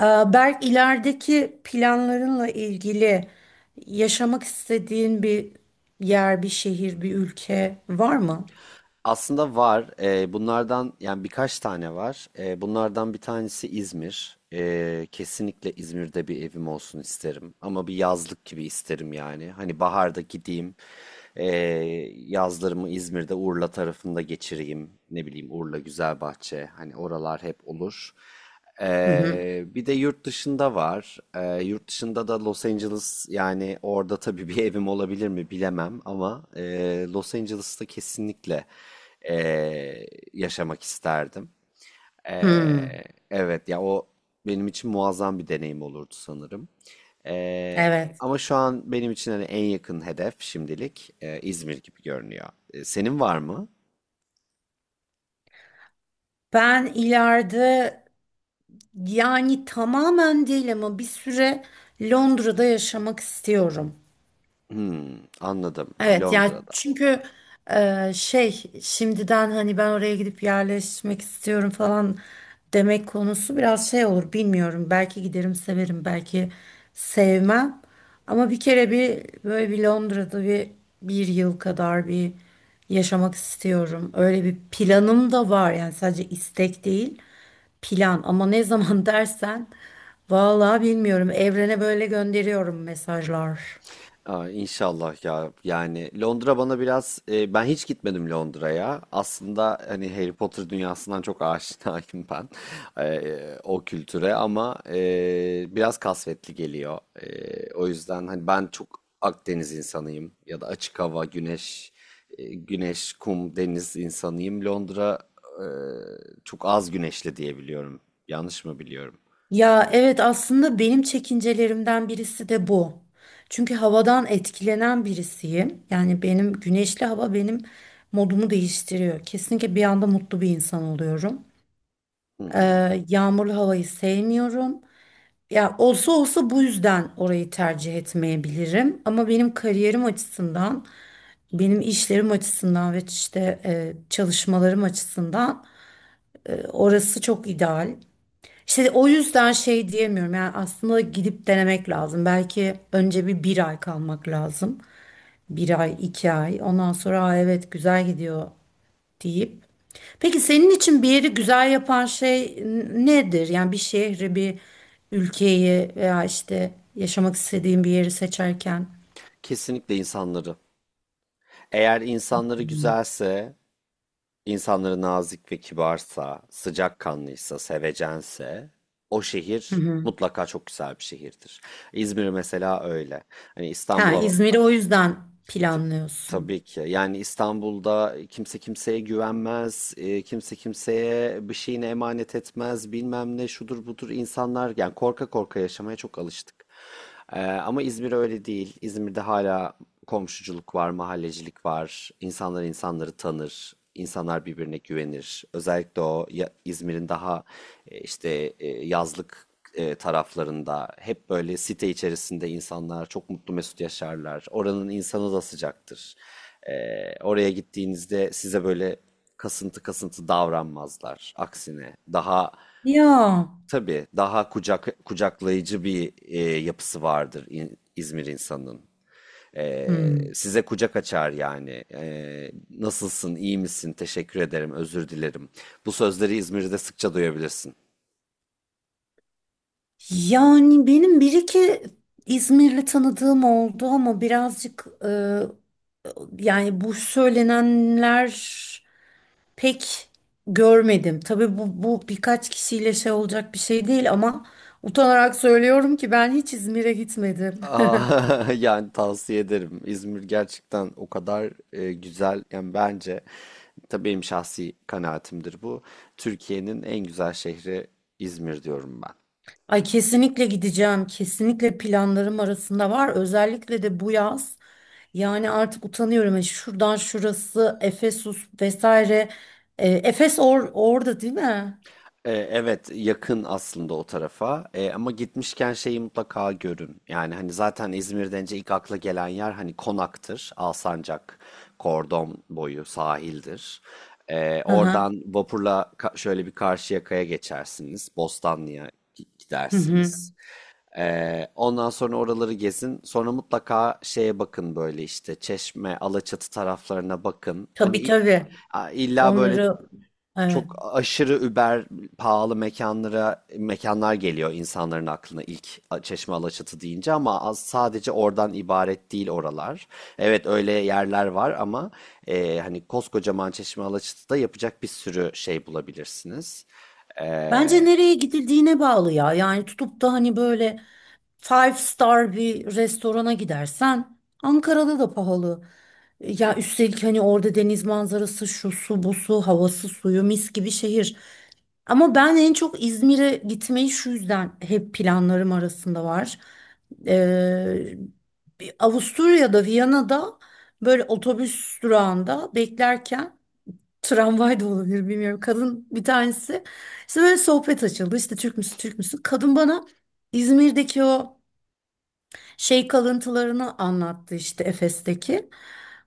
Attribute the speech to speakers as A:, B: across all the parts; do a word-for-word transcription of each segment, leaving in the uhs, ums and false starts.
A: Ee, Berk, ilerideki planlarınla ilgili yaşamak istediğin bir yer, bir şehir, bir ülke var mı?
B: Aslında var. Eee, bunlardan yani birkaç tane var. Eee, bunlardan bir tanesi İzmir. Eee, kesinlikle İzmir'de bir evim olsun isterim. Ama bir yazlık gibi isterim yani. Hani baharda gideyim. eee, yazlarımı İzmir'de Urla tarafında geçireyim. Ne bileyim Urla, Güzelbahçe. Hani oralar hep olur.
A: Hı hı.
B: Ee, bir de yurt dışında var. Ee, yurt dışında da Los Angeles, yani orada tabii bir evim olabilir mi bilemem ama e, Los Angeles'ta kesinlikle e, yaşamak isterdim.
A: Hmm,
B: Ee, evet ya, o benim için muazzam bir deneyim olurdu sanırım. Ee,
A: evet.
B: ama şu an benim için hani en yakın hedef şimdilik e, İzmir gibi görünüyor. E, senin var mı?
A: Ben ileride, yani tamamen değil ama bir süre Londra'da yaşamak istiyorum.
B: Hmm, anladım,
A: Evet ya,
B: Londra'da.
A: çünkü e, şey şimdiden hani ben oraya gidip yerleşmek istiyorum falan demek konusu biraz şey olur, bilmiyorum. Belki giderim severim, belki sevmem. Ama bir kere bir böyle bir Londra'da bir bir yıl kadar bir yaşamak istiyorum. Öyle bir planım da var, yani sadece istek değil, plan, ama ne zaman dersen vallahi bilmiyorum, evrene böyle gönderiyorum mesajlar.
B: Aa, inşallah ya. Yani Londra bana biraz e, ben hiç gitmedim Londra'ya. Aslında hani Harry Potter dünyasından çok aşinayım ben e, o kültüre, ama e, biraz kasvetli geliyor. E, o yüzden hani ben çok Akdeniz insanıyım, ya da açık hava, güneş, e, güneş, kum, deniz insanıyım. Londra e, çok az güneşli diye biliyorum. Yanlış mı biliyorum?
A: Ya evet, aslında benim çekincelerimden birisi de bu. Çünkü havadan etkilenen birisiyim. Yani benim güneşli hava benim modumu değiştiriyor. Kesinlikle bir anda mutlu bir insan oluyorum.
B: Hı hı.
A: Ee, yağmurlu havayı sevmiyorum. Ya olsa olsa bu yüzden orayı tercih etmeyebilirim. Ama benim kariyerim açısından, benim işlerim açısından ve işte e, çalışmalarım açısından e, orası çok ideal. İşte o yüzden şey diyemiyorum. Yani aslında gidip denemek lazım. Belki önce bir bir ay kalmak lazım. Bir ay, iki ay. Ondan sonra aa, evet, güzel gidiyor deyip. Peki senin için bir yeri güzel yapan şey n- nedir? Yani bir şehri, bir ülkeyi veya işte yaşamak istediğin bir yeri seçerken.
B: Kesinlikle insanları. Eğer insanları güzelse, İnsanları nazik ve kibarsa, sıcakkanlıysa, sevecense, o şehir mutlaka çok güzel bir şehirdir. İzmir mesela öyle. Hani
A: Ha,
B: İstanbul'a
A: İzmir'i o yüzden
B: T-
A: planlıyorsun.
B: Tabii ki. Yani İstanbul'da kimse kimseye güvenmez, e, kimse kimseye bir şeyini emanet etmez, bilmem ne şudur budur, insanlar yani korka korka yaşamaya çok alıştık. E, ama İzmir öyle değil. İzmir'de hala komşuculuk var, mahallecilik var. İnsanlar insanları tanır, insanlar birbirine güvenir. Özellikle o ya- İzmir'in daha e, işte e, yazlık e, taraflarında hep böyle site içerisinde insanlar çok mutlu mesut yaşarlar. Oranın insanı da sıcaktır. E, oraya gittiğinizde size böyle kasıntı kasıntı davranmazlar. Aksine, daha
A: Ya.
B: tabii, daha kucak kucaklayıcı bir e, yapısı vardır İn- İzmir insanının. E,
A: Hmm.
B: size kucak açar yani. E, nasılsın, iyi misin, teşekkür ederim, özür dilerim. Bu sözleri İzmir'de sıkça duyabilirsin.
A: Yani benim bir iki İzmirli tanıdığım oldu ama birazcık, yani bu söylenenler pek görmedim. Tabii bu, bu birkaç kişiyle şey olacak bir şey değil ama utanarak söylüyorum ki ben hiç İzmir'e gitmedim.
B: Aa, yani tavsiye ederim. İzmir gerçekten o kadar e, güzel. Yani bence, tabii benim şahsi kanaatimdir bu, Türkiye'nin en güzel şehri İzmir diyorum ben.
A: Ay, kesinlikle gideceğim. Kesinlikle planlarım arasında var. Özellikle de bu yaz. Yani artık utanıyorum. Yani şuradan şurası, Efesus vesaire. E, Efes or orada değil mi?
B: E, evet, yakın aslında o tarafa. E, ama gitmişken şeyi mutlaka görün. Yani hani zaten İzmir denince ilk akla gelen yer hani Konak'tır. Alsancak, Kordon boyu sahildir. E,
A: Hı hı.
B: oradan vapurla ka- şöyle bir Karşıyaka'ya geçersiniz. Bostanlı'ya gi-
A: Hı hı.
B: gidersiniz. E, ondan sonra oraları gezin. Sonra mutlaka şeye bakın, böyle işte Çeşme, Alaçatı taraflarına bakın. Hani
A: Tabii,
B: i-
A: tabii.
B: a- illa böyle
A: Onları, evet.
B: çok aşırı über pahalı mekanlara, mekanlar geliyor insanların aklına ilk a- Çeşme Alaçatı deyince, ama az sadece oradan ibaret değil oralar. Evet, öyle yerler var ama e, hani koskocaman Çeşme Alaçatı'da yapacak bir sürü şey bulabilirsiniz.
A: Bence
B: E,
A: nereye gidildiğine bağlı ya. Yani tutup da hani böyle five star bir restorana gidersen Ankara'da da pahalı. Ya üstelik hani orada deniz manzarası, şu su, bu su, havası, suyu mis gibi şehir. Ama ben en çok İzmir'e gitmeyi şu yüzden hep planlarım arasında var. Ee, Bir Avusturya'da, Viyana'da böyle otobüs durağında beklerken, tramvay da olabilir bilmiyorum, kadın bir tanesi. İşte böyle sohbet açıldı. İşte Türk müsün, Türk müsün? Kadın bana İzmir'deki o şey kalıntılarını anlattı, işte Efes'teki.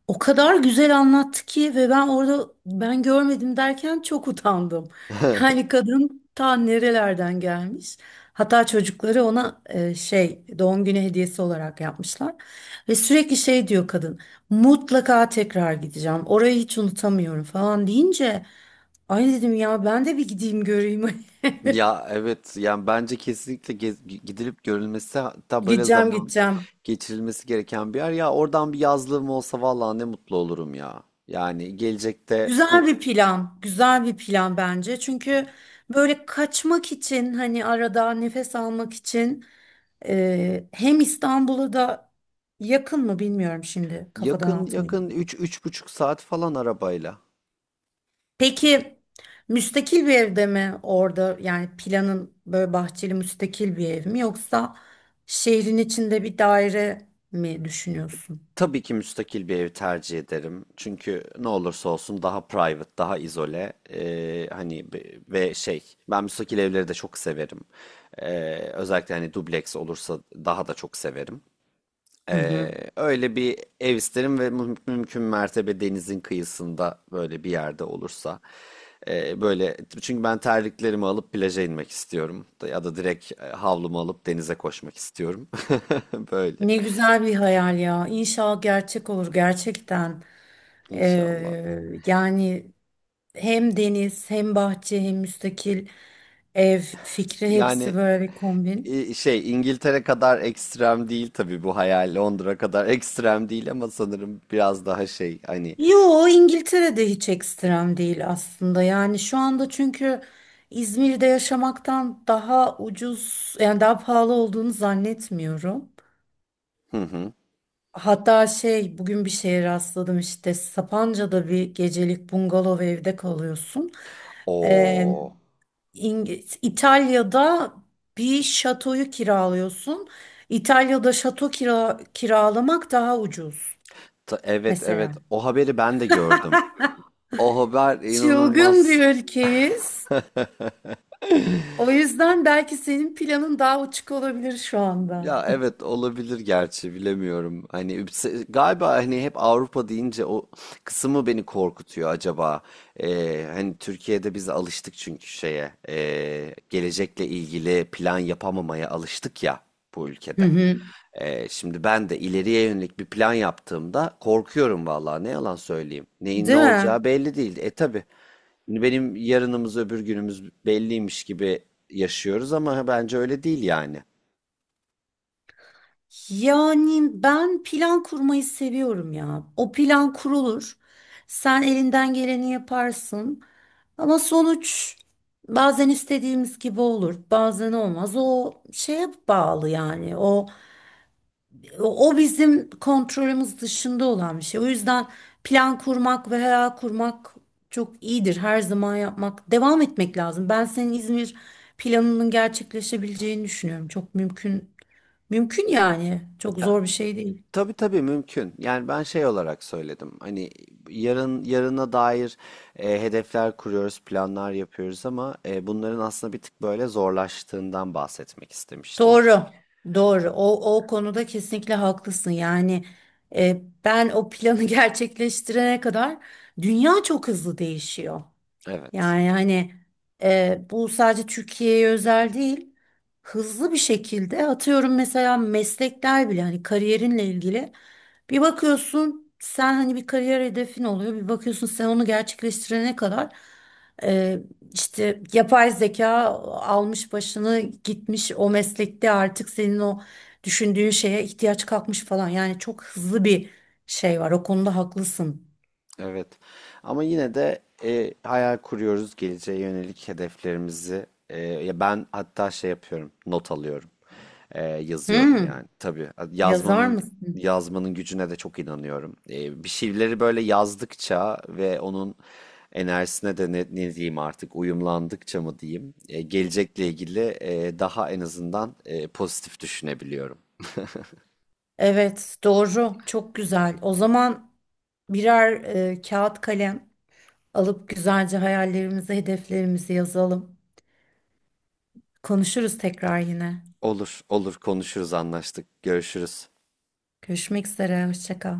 A: O kadar güzel anlattı ki ve ben orada ben görmedim derken çok utandım. Yani kadın ta nerelerden gelmiş. Hatta çocukları ona e, şey doğum günü hediyesi olarak yapmışlar. Ve sürekli şey diyor kadın. Mutlaka tekrar gideceğim. Orayı hiç unutamıyorum falan deyince, ay dedim ya, ben de bir gideyim göreyim.
B: ya evet, yani bence kesinlikle gez- gidilip görülmesi, hatta böyle
A: Gideceğim,
B: zaman
A: gideceğim.
B: geçirilmesi gereken bir yer. Ya oradan bir yazlığım olsa, vallahi ne mutlu olurum ya. Yani gelecekte.
A: Güzel bir plan. Güzel bir plan bence. Çünkü böyle kaçmak için, hani arada nefes almak için, e, hem İstanbul'a da yakın mı bilmiyorum, şimdi kafadan
B: Yakın,
A: atmayayım.
B: yakın üç, üç buçuk saat falan arabayla.
A: Peki müstakil bir evde mi orada, yani planın böyle bahçeli müstakil bir ev mi yoksa şehrin içinde bir daire mi düşünüyorsun?
B: Tabii ki müstakil bir ev tercih ederim. Çünkü ne olursa olsun, daha private, daha izole. Ee, hani be- ve şey, ben müstakil evleri de çok severim. Ee, özellikle hani dubleks olursa daha da çok severim.
A: Hı
B: Ee,
A: hı.
B: öyle bir ev isterim, ve müm- mümkün mertebe denizin kıyısında böyle bir yerde olursa. Ee, böyle çünkü ben terliklerimi alıp plaja inmek istiyorum. Ya da direkt e, havlumu alıp denize koşmak istiyorum. Böyle
A: Ne güzel bir hayal ya. İnşallah gerçek olur gerçekten.
B: inşallah.
A: Ee, yani hem deniz, hem bahçe, hem müstakil ev fikri,
B: Yani
A: hepsi böyle bir kombin.
B: e, şey, İngiltere kadar ekstrem değil tabii bu hayal. Londra kadar ekstrem değil, ama sanırım biraz daha şey hani.
A: Yo, İngiltere'de hiç ekstrem değil aslında. Yani şu anda çünkü İzmir'de yaşamaktan daha ucuz, yani daha pahalı olduğunu zannetmiyorum.
B: Hı hı.
A: Hatta şey, bugün bir şeye rastladım, işte Sapanca'da bir gecelik bungalov evde kalıyorsun. Ee,
B: O,
A: İng- İtalya'da bir şatoyu kiralıyorsun. İtalya'da şato kira kiralamak daha ucuz
B: evet evet,
A: mesela.
B: o haberi ben de gördüm. O haber
A: Çılgın bir
B: inanılmaz.
A: ülkeyiz. O yüzden belki senin planın daha uçuk olabilir şu anda.
B: Ya evet, olabilir, gerçi bilemiyorum. Hani üpse- galiba hani hep Avrupa deyince o kısmı beni korkutuyor acaba. Ee, hani Türkiye'de biz alıştık çünkü şeye, ee, gelecekle ilgili plan yapamamaya alıştık ya bu
A: Hı
B: ülkede.
A: hı.
B: Ee, şimdi ben de ileriye yönelik bir plan yaptığımda korkuyorum, vallahi ne yalan söyleyeyim. Neyin ne
A: Değil mi?
B: olacağı belli değil. E tabii benim yarınımız öbür günümüz belliymiş gibi yaşıyoruz, ama bence öyle değil yani.
A: Yani ben plan kurmayı seviyorum ya. O plan kurulur. Sen elinden geleni yaparsın. Ama sonuç bazen istediğimiz gibi olur, bazen olmaz. O şeye bağlı yani. O o bizim kontrolümüz dışında olan bir şey. O yüzden plan kurmak ve hayal kurmak çok iyidir. Her zaman yapmak, devam etmek lazım. Ben senin İzmir planının gerçekleşebileceğini düşünüyorum. Çok mümkün, mümkün yani. Çok zor bir şey değil.
B: Tabii tabii mümkün. Yani ben şey olarak söyledim. Hani yarın, yarına dair e, hedefler kuruyoruz, planlar yapıyoruz, ama e, bunların aslında bir tık böyle zorlaştığından bahsetmek istemiştim.
A: Doğru, doğru. O, o konuda kesinlikle haklısın. Yani e, ben o planı gerçekleştirene kadar dünya çok hızlı değişiyor.
B: Evet.
A: Yani hani e, bu sadece Türkiye'ye özel değil. Hızlı bir şekilde, atıyorum mesela, meslekler bile, hani kariyerinle ilgili bir bakıyorsun, sen hani bir kariyer hedefin oluyor, bir bakıyorsun sen onu gerçekleştirene kadar e, işte yapay zeka almış başını gitmiş, o meslekte artık senin o düşündüğün şeye ihtiyaç kalkmış falan. Yani çok hızlı bir şey var, o konuda haklısın.
B: Evet. Ama yine de e, hayal kuruyoruz geleceğe yönelik hedeflerimizi. E, ya ben hatta şey yapıyorum, not alıyorum. E, yazıyorum
A: Hmm,
B: yani. Tabii
A: Yazar
B: yazmanın
A: mısın?
B: yazmanın gücüne de çok inanıyorum. E, bir şeyleri böyle yazdıkça ve onun enerjisine de, ne, ne diyeyim artık, uyumlandıkça mı diyeyim, e, gelecekle ilgili e, daha en azından e, pozitif düşünebiliyorum.
A: Evet, doğru. Çok güzel. O zaman birer e, kağıt kalem alıp güzelce hayallerimizi, hedeflerimizi yazalım. Konuşuruz tekrar yine.
B: Olur, olur, konuşuruz, anlaştık. Görüşürüz.
A: Görüşmek üzere, hoşça kal.